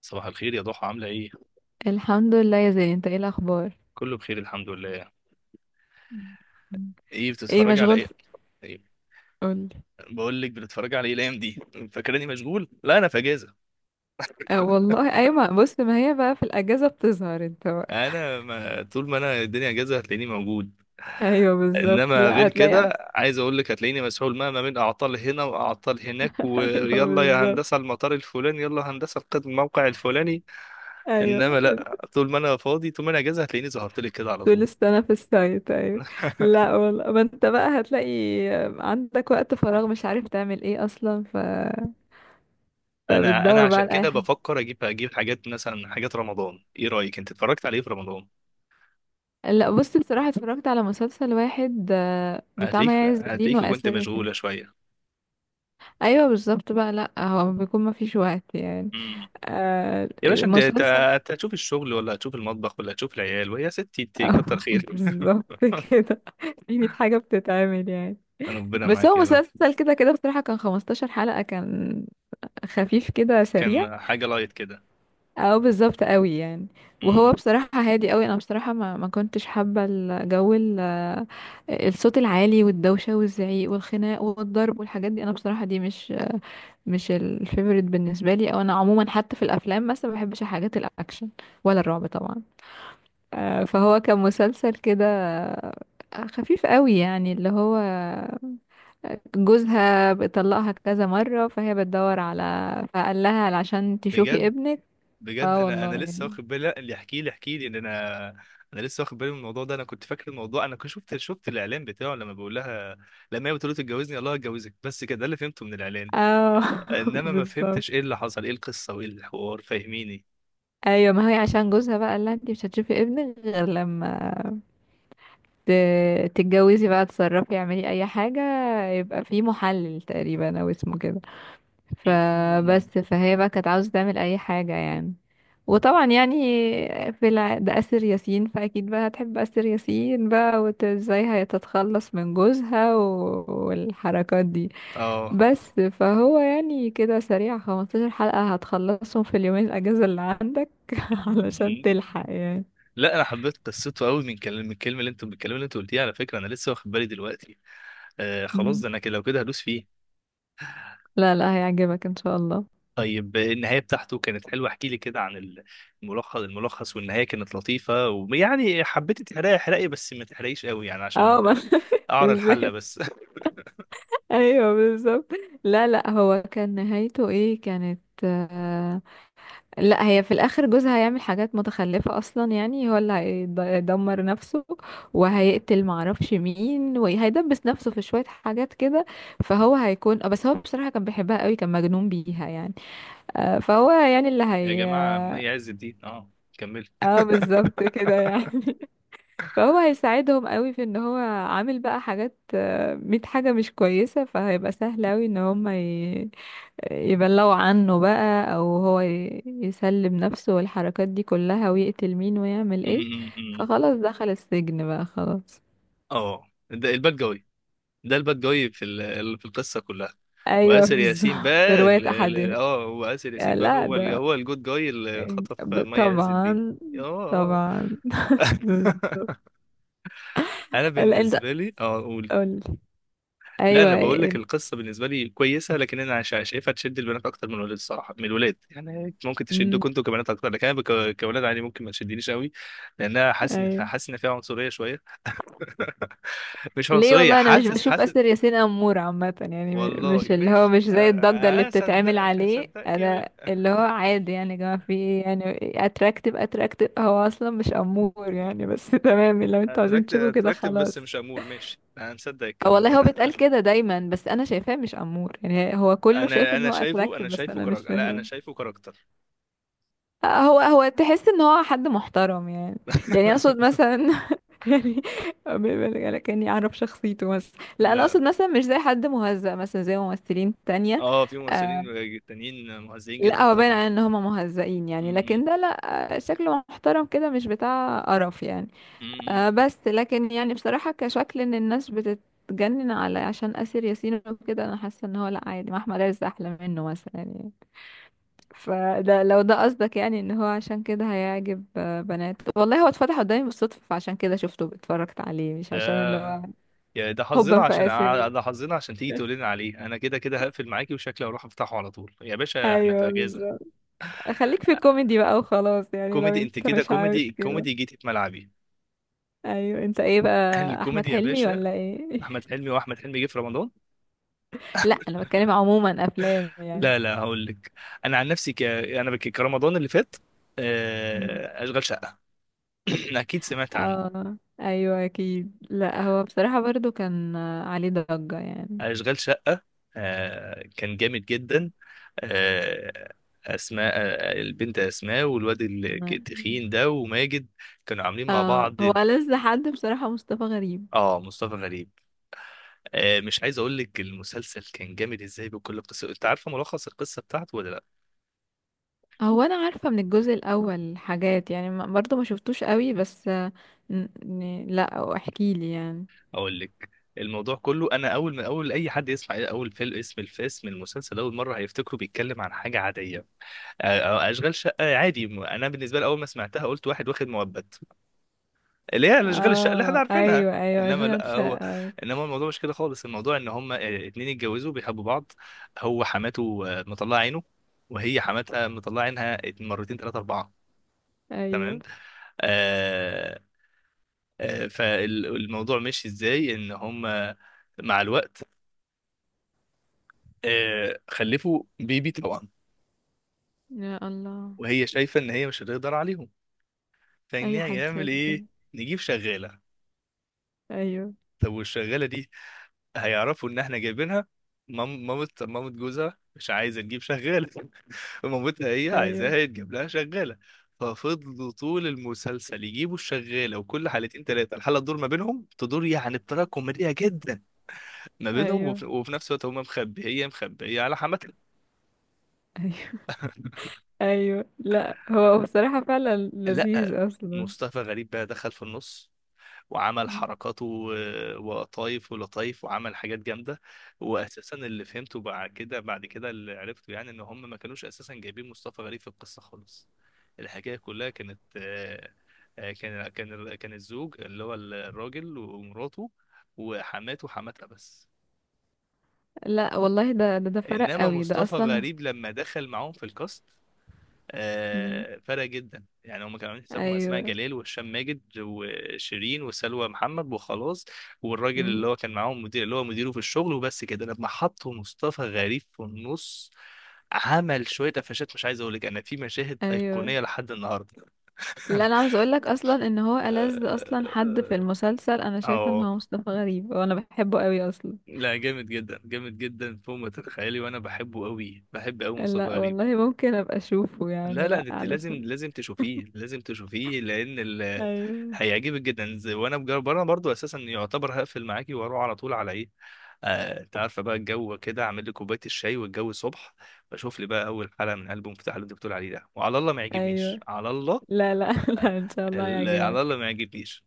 صباح الخير يا ضحى، عاملة ايه؟ الحمد لله يا زين، انت ايه الاخبار؟ كله بخير الحمد لله. الحمد. بتتفرجي على مشغول في... ايه؟ ايه قولي. بقول لك، بتتفرجي على ايه الايام دي؟ فاكراني مشغول؟ لا، انا في اجازة. اه والله ايوه، ما بص، ما هي بقى في الاجازه بتظهر انت بقى. انا ما طول ما انا الدنيا اجازة هتلاقيني موجود. ايوه بالظبط، انما لا غير هتلاقي. كده عايز اقول لك هتلاقيني مسحول ما بين اعطال هنا واعطال هناك، ايوه ويلا يا هندسة بالظبط، المطار الفلاني، يلا هندسة الموقع الفلاني. ايوه، انما لا، طول ما انا فاضي طول ما انا اجازة هتلاقيني ظهرت لك كده على طول طول. السنه في السايت، ايوه. لا والله ما انت بقى هتلاقي، عندك وقت فراغ مش عارف تعمل ايه اصلا، انا فبتدور بقى عشان على اي كده حاجه. بفكر اجيب حاجات، مثلا حاجات رمضان. ايه رايك، انت اتفرجت على ايه في رمضان؟ لا بص، بصراحه اتفرجت على مسلسل واحد، بتاع مي هتلاقيك عز الدين هتلاقيك كنت واسر ياسين. مشغوله شويه. ايوه بالظبط بقى، لا هو بيكون ما فيش وقت يعني. امم آه، يا باشا، انت أنت- مسلسل. أنت هتشوف الشغل ولا هتشوف المطبخ ولا هتشوف العيال، ويا ستي انت كتر خير. بالظبط كده. في 100 حاجة بتتعمل يعني. ربنا بس معاك هو يا رب. مسلسل كده كده، بصراحة كان 15 حلقة كان، خفيف كده سريع. كان حاجه لايت كده. او بالظبط قوي يعني. امم وهو بصراحة هادي قوي، انا بصراحة ما كنتش حابة الجو الصوت العالي والدوشة والزعيق والخناق والضرب والحاجات دي، انا بصراحة دي مش الفيفوريت بالنسبة لي. او انا عموما حتى في الافلام مثلا ما بحبش الحاجات الاكشن ولا الرعب طبعا. فهو كان مسلسل كده، خفيف قوي يعني، اللي هو جوزها بيطلقها كذا مرة، فهي بتدور على، فقال لها عشان تشوفي بجد. ابنك. بجد اه انا انا والله لسه يعني. واخد بالي. لا، اللي يحكي لي ان انا، انا لسه واخد بالي من الموضوع ده. انا كنت فاكر الموضوع، انا كنت شفت الاعلان بتاعه، لما بيقول لها، لما هي بتقول له تتجوزني، الله هتجوزك، بس كده، ده اللي فهمته من الاعلان. اه. انما ما فهمتش بالظبط. ايه اللي حصل، ايه القصه وايه الحوار، فاهميني. ايوه، ما هي عشان جوزها بقى قال لها انت مش هتشوفي ابنك غير لما تتجوزي بقى، تصرفي، اعملي اي حاجة. يبقى في محلل تقريبا او اسمه كده. فبس مم. فهي بقى كانت عاوزة تعمل أي حاجة يعني. وطبعا يعني، في الع... ده أسر ياسين، فأكيد بقى هتحب أسر ياسين بقى، وازاي هتتخلص من جوزها و... والحركات دي. اه. بس فهو يعني كده سريع، 15 حلقة هتخلصهم في اليومين الأجازة اللي عندك. علشان مم. تلحق يعني. لا، انا حبيت قصته قوي، من الكلام اللي انتوا قلتيه. على فكره انا لسه واخد بالي دلوقتي. خلاص، مم. ده انا كده، لو كده هدوس فيه. لا لا، هيعجبك إن شاء الله. طيب، النهايه بتاعته كانت حلوه، احكي لي كده عن الملخص، والنهايه كانت لطيفه. ويعني حبيت تحرقي، بس ما تحرقيش قوي، يعني عشان اه ما. اعرى الحله ازاي؟ بس. ايوه بالظبط. لا لا، هو كان نهايته ايه كانت، لا هي في الاخر جوزها هيعمل حاجات متخلفة اصلا، يعني هو اللي هيدمر نفسه وهيقتل معرفش مين، وهيدبس نفسه في شوية حاجات كده. فهو هيكون، بس هو بصراحة كان بيحبها قوي، كان مجنون بيها يعني. فهو يعني اللي يا هي جماعه، ما اه. يعز الدين اه، كمل. بالظبط كده يعني. فهو هيساعدهم قوي في ان هو عامل بقى حاجات، ميت حاجة مش كويسة، فهيبقى سهل قوي ان هم يبلغوا عنه بقى، او هو يسلم نفسه والحركات دي كلها، ويقتل مين ويعمل ايه. فخلاص دخل السجن بقى خلاص. اه، ده الباد جوي. ده الباد جاي في القصه كلها. ايوه واسر ياسين بالظبط، بقى، برواية ال- ال- احدهم. اه هو اسر يا ياسين بقى لا ده، هو الجود جاي اللي خطف مي عز الدين. طبعا. اه. آه. طبعا. بالظبط. انا لا انت بالنسبه لي، اه، قولي. قول. لا، ايوه، انا بقول لك القصه بالنسبه لي كويسه، لكن انا شايفها تشد البنات اكتر من الولاد، الصراحه من الولاد. يعني ممكن أمم، تشدكم انتوا كبنات اكتر، لكن انا كولاد عادي ممكن ما تشدنيش قوي. لانها حاسس ان ايوه. حاسس ان فيها عنصريه شويه. مش ليه؟ عنصريه، والله انا مش حاسس بشوف حاسس اسر ياسين امور عامه يعني، والله مش اللي هو ماشي مش أ- زي الضجه اللي بتتعمل هصدقك عليه، هصدقك يا، انا اللي هو عادي يعني، يا جماعه في ايه يعني. اتراكتيف، هو اصلا مش امور يعني بس. تمام، لو انتوا عايزين اتراكتف تشوفوا كده اتراكتف خلاص. بس مش امور، ماشي انا مصدق أه الكلام ده. والله هو بيتقال كده دايما، بس انا شايفاه مش امور يعني، هو كله شايف انا ان انا هو شايفه اتراكتيف، انا بس شايفه انا مش كراجل، لا شايفاه. انا شايفه كاركتر. هو تحس ان هو حد محترم يعني. يعني اقصد مثلا، يعني، لكني اعرف شخصيته بس. لا انا اقصد لا. مثلا مش زي حد مهزأ، مثلا زي ممثلين تانية. اه، في آه. ممثلين تانيين مؤذيين لا جدا هو باين طبعا. على ان هم مهزئين يعني، م- لكن ده لا. شكله محترم كده، مش بتاع قرف يعني. م- آه، بس لكن يعني بصراحة كشكل، ان الناس بتتجنن على عشان آسر ياسين وكده، انا حاسة ان هو لا عادي، ما احمد عز احلى منه مثلا يعني. فده لو ده قصدك يعني ان هو عشان كده هيعجب، بنات، والله هو اتفتح قدامي بالصدفة، فعشان كده شفته اتفرجت عليه، مش عشان اللي هو ده يا ده حظنا حبا عشان فاسر. ده حظنا عشان تيجي تقول لنا عليه. انا كده كده هقفل معاكي، وشكلي هروح افتحه على طول، يا باشا احنا في ايوه اجازه. بالظبط. خليك في كوميدي بقى وخلاص يعني، لو كوميدي. انت انت كده مش عاوز كوميدي كده. كوميدي جيتي في ملعبي. ايوه، انت ايه بقى، احمد الكوميدي يا حلمي باشا. ولا ايه؟ احمد حلمي واحمد حلمي جه في رمضان. لا انا بتكلم عموما افلام يعني. لا لا، هقول لك، انا عن نفسي كرمضان اللي فات. مم. اشغال شقه. اكيد سمعت عن اه ايوه اكيد، لا هو بصراحة برضو كان، عليه ضجة يعني. اشغال شقه. كان جامد جدا. آه، اسماء، البنت اسماء، والواد مم. التخين ده، وماجد، كانوا عاملين مع اه، بعض. هو ألذ حد بصراحة مصطفى غريب. اه، مصطفى غريب. مش عايز اقول لك المسلسل كان جامد ازاي بكل قصه. انت عارفه ملخص القصه بتاعته ولا لا؟ هو انا عارفه من الجزء الاول حاجات يعني برضو ما شفتوش قوي بس، لا احكي لي يعني. اقول لك. الموضوع كله، انا اول ما اي حد يسمع اول فيلم، اسم الفيلم، المسلسل، اول مره هيفتكره بيتكلم عن حاجه عاديه. أ- أ- اشغال شقه عادي، انا بالنسبه لي اول ما سمعتها قلت واحد واخد مؤبت، اللي هي اشغال الشقه اللي احنا اه عارفينها. ايوه ايوه، انما اشغال لا، هو، شقة. الموضوع مش كده خالص. الموضوع ان هما اتنين اتجوزوا بيحبوا بعض، هو حماته مطلعه عينه، وهي حماتها مطلعه عينها، مرتين ثلاثه اربعه. ايوه. تمام. آه فالموضوع ماشي ازاي، ان هما، مع الوقت، خلفوا بيبي طبعا، يا الله. وهي شايفه ان هي مش هتقدر عليهم، فان اي حد هيعمل شاف ايه؟ كده. نجيب شغاله. ايوه، طب والشغاله دي، هيعرفوا ان احنا جايبينها. مامة جوزها مش عايزه تجيب شغاله، مامتها هي عايزاها ايوه، يتجاب لها شغاله. ففضلوا طول المسلسل يجيبوا الشغاله، وكل حلقتين ثلاثه الحلقه تدور ما بينهم، تدور يعني بطريقه كوميديه جدا ما بينهم، ايوه، وفي نفس الوقت هم مخبيه على حماتها. ايوه. ايوه لا هو بصراحة فعلا لذيذ لا، اصلا. مصطفى غريب بقى دخل في النص وعمل حركاته، ولطايف، وعمل حاجات جامده. واساسا اللي فهمته بعد كده، اللي عرفته يعني، ان هم ما كانوش اساسا جايبين مصطفى غريب في القصه خالص. الحكايه كلها كانت، كان الزوج، اللي هو الراجل ومراته، وحماته حماتها بس. لا والله ده فرق انما قوي ده مصطفى اصلا. غريب لما دخل معاهم في الكاست، مم. فرق جدا. يعني هم كانوا عاملين حسابهم اسماء ايوه. جلال، وهشام ماجد، وشيرين، وسلوى محمد، وخلاص، والراجل اللي مم. هو كان معاهم، مدير اللي هو مديره في الشغل، وبس كده. لما حطوا مصطفى غريب في النص، عمل شويه قفشات، مش عايز اقول لك، انا في مشاهد ايوه. ايقونيه لحد النهارده. اللي انا عاوز اقولك اصلا، ان هو ألذ اصلا حد في اه. المسلسل انا آه، شايفه ان آه، هو مصطفى غريب، وانا بحبه قوي اصلا. لا جامد جدا جامد جدا، فوق ما تتخيلي، وانا بحبه قوي، بحب قوي مصطفى لا غريب. والله ممكن ابقى اشوفه لا يعني، لا، لا ده انت لازم علشان. لازم تشوفيه لان ايوه. هيعجبك جدا. وانا بجرب انا برضو اساسا، يعتبر هقفل معاكي واروح على طول على ايه. انت عارفه بقى الجو كده، اعمل لي كوبايه الشاي والجو الصبح، بشوف لي بقى اول حلقه من البوم مفتاح اللي انت بتقول عليه ده، وعلى الله ما يعجبنيش، ايوه. على الله، لا لا، لا ان شاء الله على الله يعجبك. ما يعجبنيش.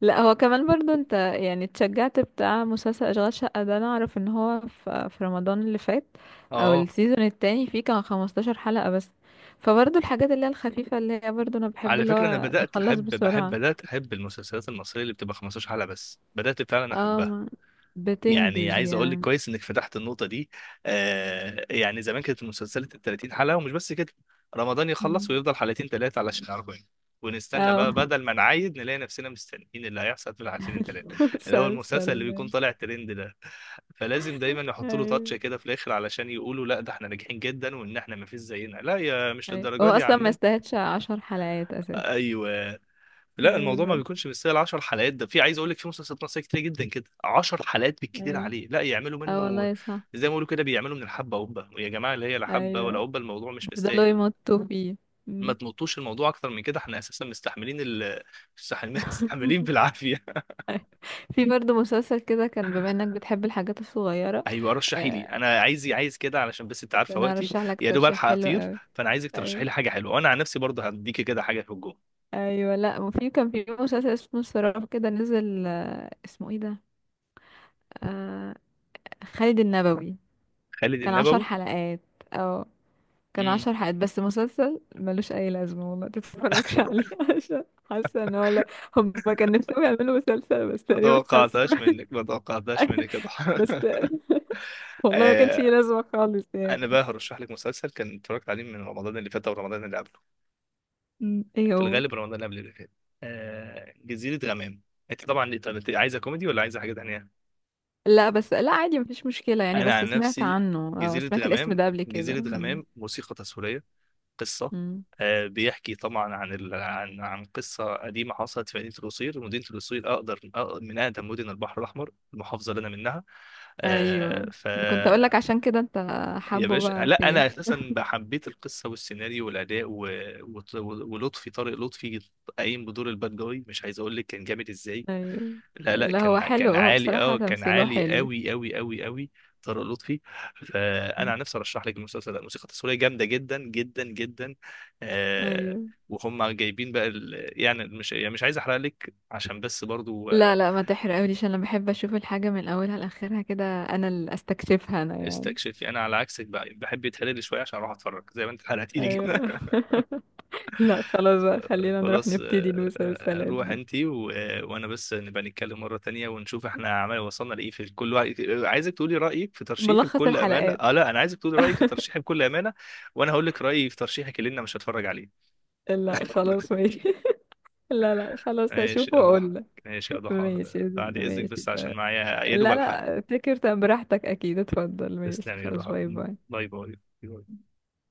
لا هو كمان برضو انت يعني اتشجعت بتاع مسلسل اشغال شقة ده، انا اعرف ان هو في رمضان اللي فات او اه، السيزون التاني فيه، كان 15 حلقة بس. فبرضو الحاجات اللي هي الخفيفة اللي هي برضو انا بحب، على اللي فكره انا هو نخلص بسرعة. بدات احب المسلسلات المصريه اللي بتبقى 15 حلقه بس، بدات فعلا اه احبها. يعني بتنجز عايز اقول لك يعني. كويس انك فتحت النقطه دي. يعني زمان كانت المسلسلات ال 30 حلقه، ومش بس كده، رمضان يخلص مم. ويفضل حلقتين ثلاثه علشان 40، ونستنى اه. بقى، بدل ما نعايد نلاقي نفسنا مستنيين اللي هيحصل في العشرين ثلاثه، اللي هو المسلسل اللي بيكون المسلسل. طالع ترند ده. فلازم دايما يحطوا له تاتش ايوه كده في الاخر، علشان يقولوا لا، ده احنا ناجحين جدا وان احنا ما فيش زينا. لا يا، مش ايوه، للدرجه هو دي يا اصلا ما عمنا. يستاهلش عشر حلقات اساسا. ايوه. لا، ايوه الموضوع ما بالظبط. بيكونش مستاهل 10 حلقات. ده في، عايز اقول لك، في مسلسلات مصريه كتير جدا كده 10 حلقات بالكتير ايوه. عليه، لا يعملوا اه منه، والله صح. زي ما بيقولوا كده، بيعملوا من الحبه قبه، يا جماعه اللي هي لا حبه ولا ايوه قبه، الموضوع مش بيفضلوا مستاهل. يمطوا فيه. ما مم. تمطوش الموضوع اكتر من كده، احنا اساسا مستحملين مستحملين، مستحملين بالعافيه. في برضه مسلسل كده كان، بما انك بتحب الحاجات الصغيرة. ايوه، رشحي لي، آه، انا عايز كده علشان بس انت عارفه انا وقتي، ارشح لك يا دوب ترشيح الحق حلو اطير، قوي. فانا عايزك ترشحي ايوه. لي حاجه حلوه، وانا عن نفسي برضه هديكي كده حاجه في الجون. ايوه لا، وفي كان في مسلسل اسمه السراب كده نزل، اسمه ايه ده، آه خالد النبوي. خالد كان عشر النبوي. حلقات. اه كان امم عشر حلقات بس، مسلسل ملوش اي لازمه والله، تتفرجش عليه. عشان حاسه ان هو لا، هم كان نفسهم يعملوا مسلسل بس ما تقريبا، حاسه. توقعتهاش منك، ما توقعتهاش منك يا ضحى. بس والله ما كانش ليه لازمه خالص انا يعني. بقى هرشح لك مسلسل كان اتفرجت عليه من رمضان اللي فات، او رمضان اللي قبله، م، ايه في هو؟ الغالب رمضان اللي قبل اللي فات. جزيرة غمام. انت طبعا طب انت عايزه كوميدي ولا عايزه حاجه تانية؟ لا بس لا عادي مفيش مشكله يعني، انا بس عن سمعت نفسي، عنه، اه جزيرة سمعت الاسم غمام ده قبل كده. جزيرة م، غمام موسيقى تصويرية، قصة. م. بيحكي طبعا، عن قصة قديمة حصلت في مدينة القصير. مدينة القصير من أقدم مدن البحر الأحمر، المحافظة اللي أنا منها. ايوه. آه، ف أنا كنت اقول لك عشان كده، انت يا حابه باشا، بقى لا في. انا اساسا حبيت القصه والسيناريو والاداء، و... و... ولطفي طارق لطفي، قايم بدور الباد جاي، مش عايز اقول لك كان جامد ازاي. ايوه. لا لا، لا هو كان حلو، كان هو عالي، بصراحه اه كان تمثيله عالي حلو. قوي قوي قوي قوي. طارق لطفي. م، فانا عن نفسي ارشح لك المسلسل ده، الموسيقى التصويريه جامده جدا جدا جدا. آه ايوه. وهم جايبين بقى يعني، مش عايز احرق لك، عشان بس برضو لا لا ما تحرقوليش، انا بحب اشوف الحاجة من اولها لاخرها كده، انا اللي استكشفها انا يعني. استكشفي. انا على عكسك بقى، بحب يتحرق لي شويه عشان اروح اتفرج، زي ما انت حرقتي لي ايوه. كده. لا خلاص بقى، خلينا نروح خلاص. نبتدي نوصل السلات روح دي. انتي و... آه، وانا بس، نبقى نتكلم مرة تانية ونشوف احنا عمال وصلنا لايه في كل واحد. عايزك تقولي رأيك في ترشيحي ملخص بكل أمانة. اه الحلقات. لا، انا عايزك تقولي رأيك في ترشيحي بكل أمانة، وانا هقول لك رأيي في ترشيحك اللي انا مش هتفرج عليه. لا خلاص ماشي. لا لا خلاص ماشي هشوفه يا ضحى، واقول لك. ماشي يا ضحى. ماشي. بعد إذنك ماشي بس عشان تمام. معايا يا دوب لا الحق. لا افتكر، طب براحتك اكيد، اتفضل، ماشي تسلم يا خلاص، ضحى، باي باي. باي باي.